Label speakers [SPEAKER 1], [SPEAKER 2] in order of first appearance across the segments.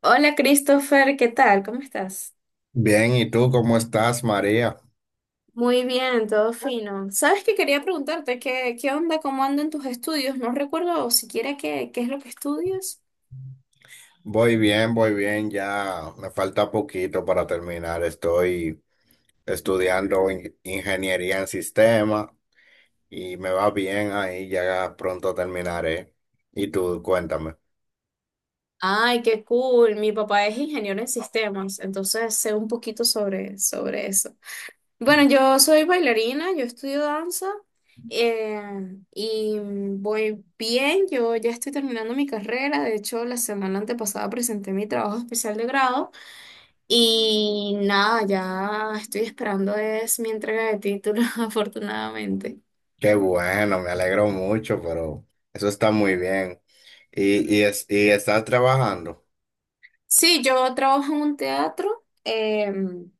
[SPEAKER 1] Hola Christopher, ¿qué tal? ¿Cómo estás?
[SPEAKER 2] Bien, ¿y tú cómo estás, María?
[SPEAKER 1] Muy bien, todo fino. ¿Sabes qué quería preguntarte? ¿Qué onda? ¿Cómo andan tus estudios? No recuerdo siquiera qué es lo que estudias.
[SPEAKER 2] Voy bien, ya me falta poquito para terminar. Estoy estudiando ingeniería en sistemas y me va bien ahí, ya pronto terminaré. Y tú, cuéntame.
[SPEAKER 1] Ay, qué cool. Mi papá es ingeniero en sistemas, entonces sé un poquito sobre eso. Bueno, yo soy bailarina, yo estudio danza eh, y voy bien. Yo ya estoy terminando mi carrera. De hecho, la semana antepasada presenté mi trabajo especial de grado. Y nada, ya estoy esperando es mi entrega de título, afortunadamente.
[SPEAKER 2] Qué bueno, me alegro mucho, pero eso está muy bien. Y estás trabajando?
[SPEAKER 1] Sí, yo trabajo en un teatro.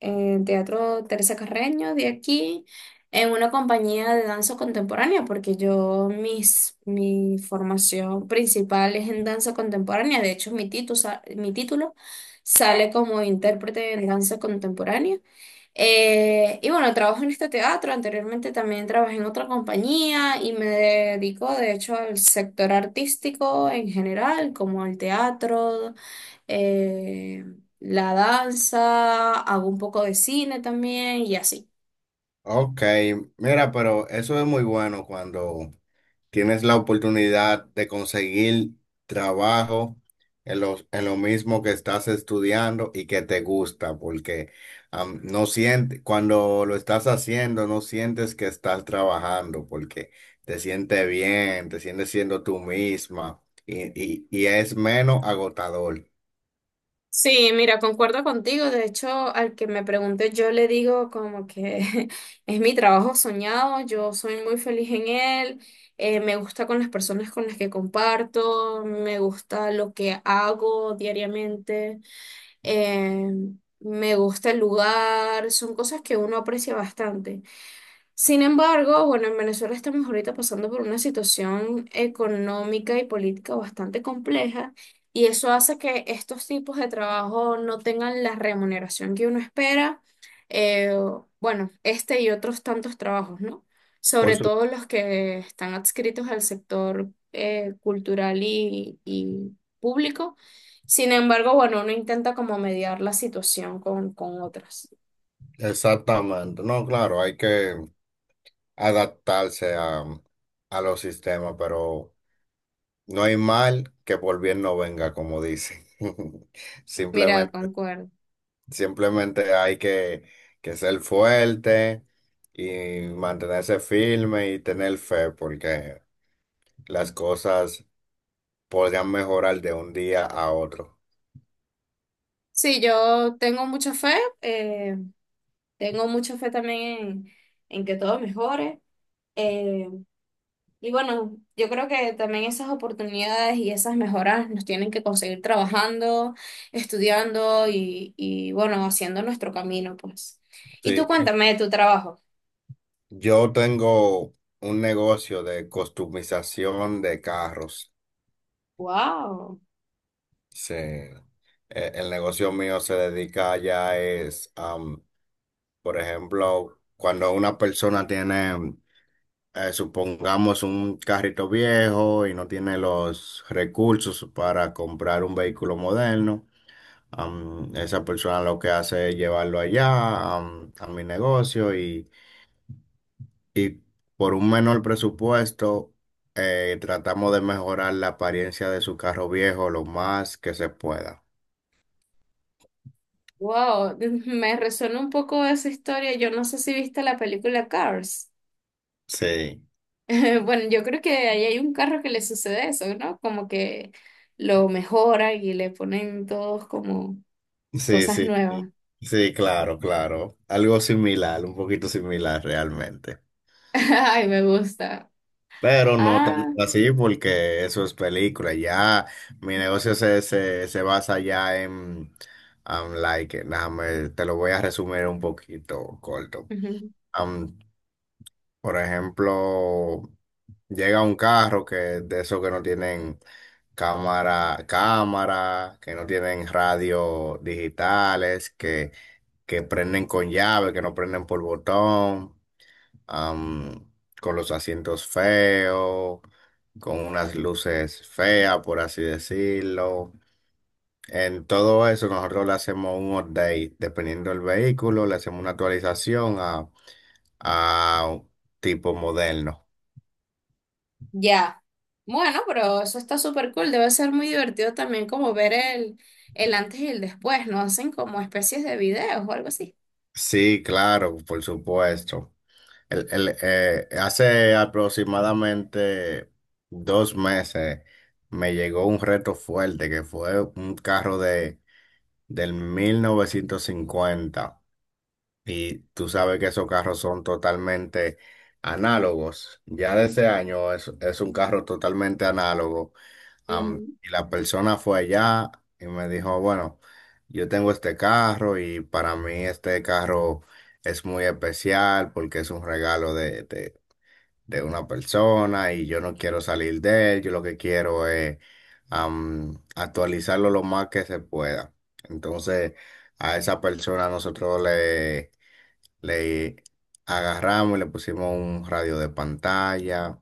[SPEAKER 1] En Teatro Teresa Carreño de aquí, en una compañía de danza contemporánea, porque yo, mi formación principal es en danza contemporánea. De hecho, mi título sale como intérprete en danza contemporánea. Y bueno, trabajo en este teatro. Anteriormente también trabajé en otra compañía y me dedico de hecho al sector artístico en general, como al teatro, eh, la danza, hago un poco de cine también y así.
[SPEAKER 2] Ok, mira, pero eso es muy bueno cuando tienes la oportunidad de conseguir trabajo en en lo mismo que estás estudiando y que te gusta, porque no sientes, cuando lo estás haciendo, no sientes que estás trabajando, porque te sientes bien, te sientes siendo tú misma y es menos agotador.
[SPEAKER 1] Sí, mira, concuerdo contigo. De hecho, al que me pregunte, yo le digo como que es mi trabajo soñado, yo soy muy feliz en él, me gusta con las personas con las que comparto, me gusta lo que hago diariamente, eh, me gusta el lugar, son cosas que uno aprecia bastante. Sin embargo, bueno, en Venezuela estamos ahorita pasando por una situación económica y política bastante compleja y eso hace que estos tipos de trabajo no tengan la remuneración que uno espera. eh, bueno, este y otros tantos trabajos, ¿no?
[SPEAKER 2] Por
[SPEAKER 1] Sobre
[SPEAKER 2] su-
[SPEAKER 1] todo los que están adscritos al sector cultural y público. Sin embargo, bueno, uno intenta como mediar la situación con otras.
[SPEAKER 2] Exactamente. No, claro, hay que adaptarse a, a los sistemas, pero no hay mal que por bien no venga, como dicen.
[SPEAKER 1] Mira,
[SPEAKER 2] Simplemente,
[SPEAKER 1] concuerdo.
[SPEAKER 2] simplemente que ser fuerte y mantenerse firme y tener fe, porque las cosas podrían mejorar de un día a otro.
[SPEAKER 1] Sí, yo tengo mucha fe, eh, tengo mucha fe también en, en que todo mejore. eh, y bueno, yo creo que también esas oportunidades y esas mejoras nos tienen que conseguir trabajando, estudiando y bueno, haciendo nuestro camino, pues. Y tú
[SPEAKER 2] Sí, y
[SPEAKER 1] cuéntame de tu trabajo.
[SPEAKER 2] yo tengo un negocio de customización de carros.
[SPEAKER 1] Wow,
[SPEAKER 2] Sí. El negocio mío se dedica ya es, por ejemplo, cuando una persona tiene supongamos un carrito viejo y no tiene los recursos para comprar un vehículo moderno. Esa persona lo que hace es llevarlo allá, a mi negocio y por un menor presupuesto tratamos de mejorar la apariencia de su carro viejo lo más que se pueda.
[SPEAKER 1] wow, me resuena un poco esa historia. Yo no sé si viste la película Cars.
[SPEAKER 2] Sí,
[SPEAKER 1] Bueno, yo creo que ahí hay un carro que le sucede eso, ¿no? Como que lo mejoran y le ponen todos como
[SPEAKER 2] sí,
[SPEAKER 1] cosas
[SPEAKER 2] sí,
[SPEAKER 1] nuevas.
[SPEAKER 2] sí, sí, claro, claro. Algo similar, un poquito similar realmente.
[SPEAKER 1] Ay, me gusta.
[SPEAKER 2] Pero no tanto
[SPEAKER 1] Ah,
[SPEAKER 2] así porque eso es película. Ya mi negocio se basa ya en, like, déjame, te lo voy a resumir un poquito corto.
[SPEAKER 1] ujú.
[SPEAKER 2] Um, por ejemplo, llega un carro que de esos que no tienen cámara, que no tienen radio digitales, que prenden con llave, que no prenden por botón, am, con los asientos feos, con unas luces feas, por así decirlo. En todo eso nosotros le hacemos un update, dependiendo del vehículo, le hacemos una actualización a un tipo moderno.
[SPEAKER 1] Ya. Bueno, pero eso está súper cool. Debe ser muy divertido también como ver el antes y el después, ¿no? Hacen como especies de videos o algo así.
[SPEAKER 2] Sí, claro, por supuesto. Hace aproximadamente 2 meses me llegó un reto fuerte que fue un carro de del 1950, y tú sabes que esos carros son totalmente análogos. Ya de ese año es un carro totalmente análogo. Y la persona fue allá y me dijo, bueno, yo tengo este carro y para mí este carro es muy especial porque es un regalo de, de una persona y yo no quiero salir de él, yo lo que quiero es, actualizarlo lo más que se pueda. Entonces, a esa persona nosotros le agarramos y le pusimos un radio de pantalla,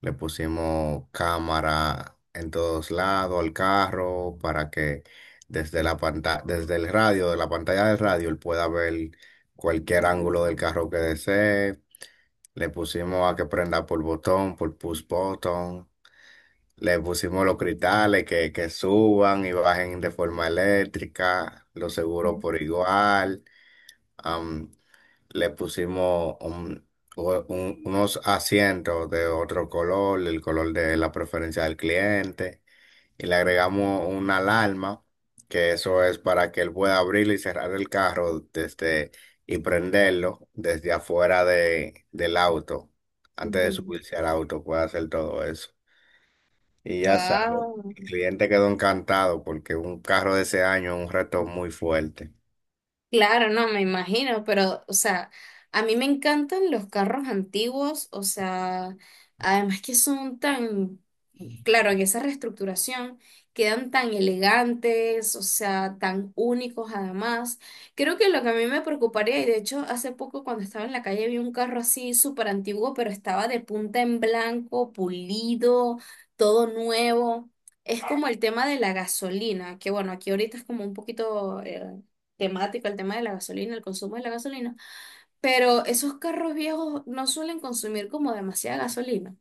[SPEAKER 2] le pusimos cámara en todos lados al carro para que desde la pantalla, de la pantalla del radio, él pueda ver cualquier ángulo del carro que desee. Le pusimos a que prenda por botón, por push button. Le pusimos los cristales que suban y bajen de forma eléctrica, los seguros por igual. Am, Le pusimos unos asientos de otro color, el color de la preferencia del cliente, y le agregamos una alarma, que eso es para que él pueda abrir y cerrar el carro desde y prenderlo desde afuera del auto, antes de subirse al auto, puede hacer todo eso. Y ya sabes,
[SPEAKER 1] Wow.
[SPEAKER 2] el cliente quedó encantado porque un carro de ese año es un reto muy fuerte.
[SPEAKER 1] Claro, no, me imagino, pero, o sea, a mí me encantan los carros antiguos, o sea, además que son tan, claro, en esa reestructuración quedan tan elegantes, o sea, tan únicos además. Creo que lo que a mí me preocuparía, y de hecho hace poco cuando estaba en la calle vi un carro así súper antiguo, pero estaba de punta en blanco, pulido, todo nuevo. Es como el tema de la gasolina, que bueno, aquí ahorita es como un poquito, temática, el tema de la gasolina, el consumo de la gasolina, pero esos carros viejos no suelen consumir como demasiada gasolina.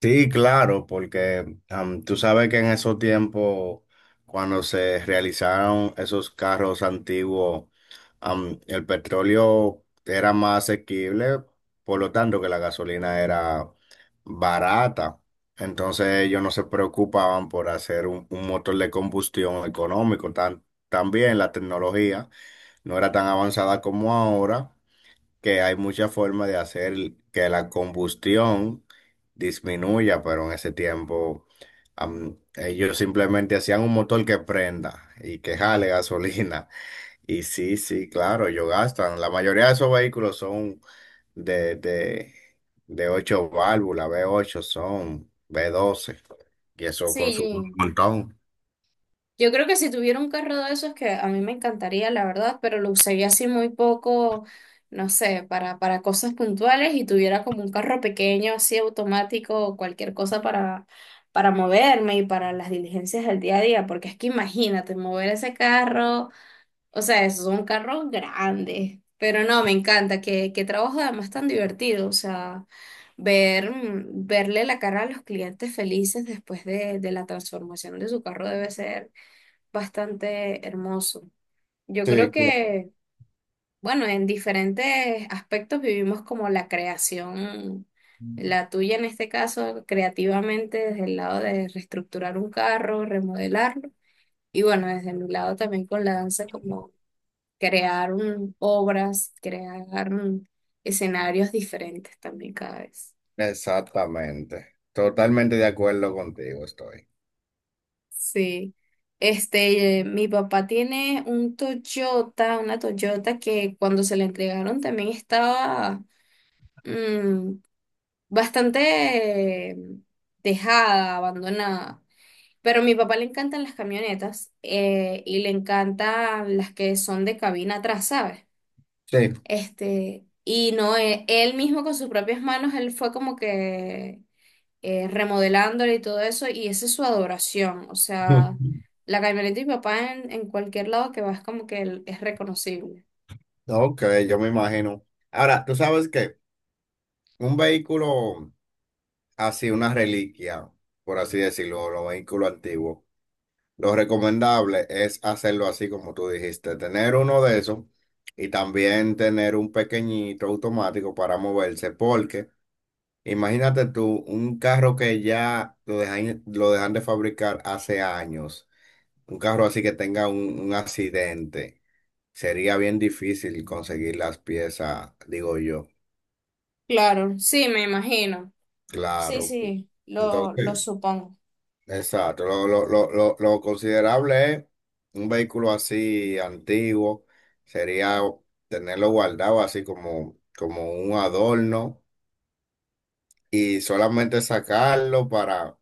[SPEAKER 2] Sí, claro, porque, tú sabes que en esos tiempos, cuando se realizaron esos carros antiguos, el petróleo era más asequible, por lo tanto que la gasolina era barata. Entonces ellos no se preocupaban por hacer un motor de combustión económico. También la tecnología no era tan avanzada como ahora, que hay muchas formas de hacer que la combustión disminuya, pero en ese tiempo, ellos simplemente hacían un motor que prenda y que jale gasolina. Y sí, sí, claro, ellos gastan. La mayoría de esos vehículos son de, de, de ocho válvulas, V8 son, V12, y eso consume un
[SPEAKER 1] Sí,
[SPEAKER 2] montón.
[SPEAKER 1] yo creo que si tuviera un carro de esos que a mí me encantaría, la verdad, pero lo usaría así muy poco, no sé, para cosas puntuales y tuviera como un carro pequeño, así automático, o cualquier cosa para moverme y para las diligencias del día a día, porque es que imagínate, mover ese carro. O sea, es un carro grande, pero no, me encanta, que trabajo además tan divertido, o sea, ver, verle la cara a los clientes felices después de la transformación de su carro debe ser bastante hermoso. Yo creo
[SPEAKER 2] Sí, claro,
[SPEAKER 1] que, bueno, en diferentes aspectos vivimos como la creación, la tuya en este caso, creativamente desde el lado de reestructurar un carro, remodelarlo. Y bueno, desde mi lado también con la danza, como crear obras, crear escenarios diferentes también cada vez.
[SPEAKER 2] exactamente. Totalmente de acuerdo contigo estoy.
[SPEAKER 1] Sí. Este, mi papá tiene un Toyota, una Toyota que cuando se la entregaron también estaba mm, bastante dejada, abandonada. Pero a mi papá le encantan las camionetas, y le encantan las que son de cabina atrás, ¿sabes?
[SPEAKER 2] Sí.
[SPEAKER 1] Este, y no, él, mismo con sus propias manos, él fue como que remodelándole y todo eso, y esa es su adoración. O sea, la camioneta de mi papá en cualquier lado que vas como que él es reconocible.
[SPEAKER 2] Ok, yo me imagino. Ahora, tú sabes que un vehículo así, una reliquia, por así decirlo, los vehículos antiguos, lo recomendable es hacerlo así como tú dijiste, tener uno de esos y también tener un pequeñito automático para moverse, porque imagínate tú, un carro que ya lo dejan de fabricar hace años, un carro así que tenga un accidente, sería bien difícil conseguir las piezas, digo yo.
[SPEAKER 1] Claro, sí, me imagino. Sí,
[SPEAKER 2] Claro.
[SPEAKER 1] sí, lo
[SPEAKER 2] Entonces,
[SPEAKER 1] supongo.
[SPEAKER 2] exacto. Lo considerable es un vehículo así antiguo, sería tenerlo guardado así como como un adorno y solamente sacarlo para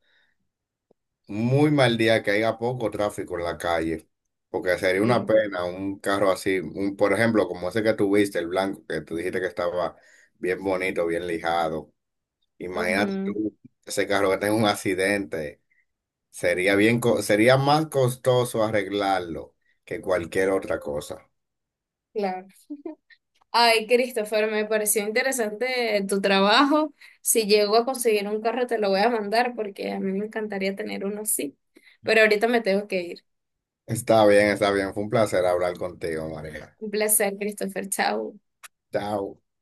[SPEAKER 2] muy mal día que haya poco tráfico en la calle. Porque sería una
[SPEAKER 1] Sí.
[SPEAKER 2] pena un carro así, un, por ejemplo, como ese que tuviste, el blanco, que tú dijiste que estaba bien bonito, bien lijado. Imagínate
[SPEAKER 1] Ujú,
[SPEAKER 2] tú, ese carro que tenga un accidente. Sería bien, sería más costoso arreglarlo que cualquier otra cosa.
[SPEAKER 1] claro. Ay, Christopher, me pareció interesante tu trabajo. Si llego a conseguir un carro, te lo voy a mandar porque a mí me encantaría tener uno así. Pero ahorita me tengo que ir.
[SPEAKER 2] Está bien, está bien. Fue un placer hablar contigo, María.
[SPEAKER 1] Un placer, Christopher. Chao.
[SPEAKER 2] Chao.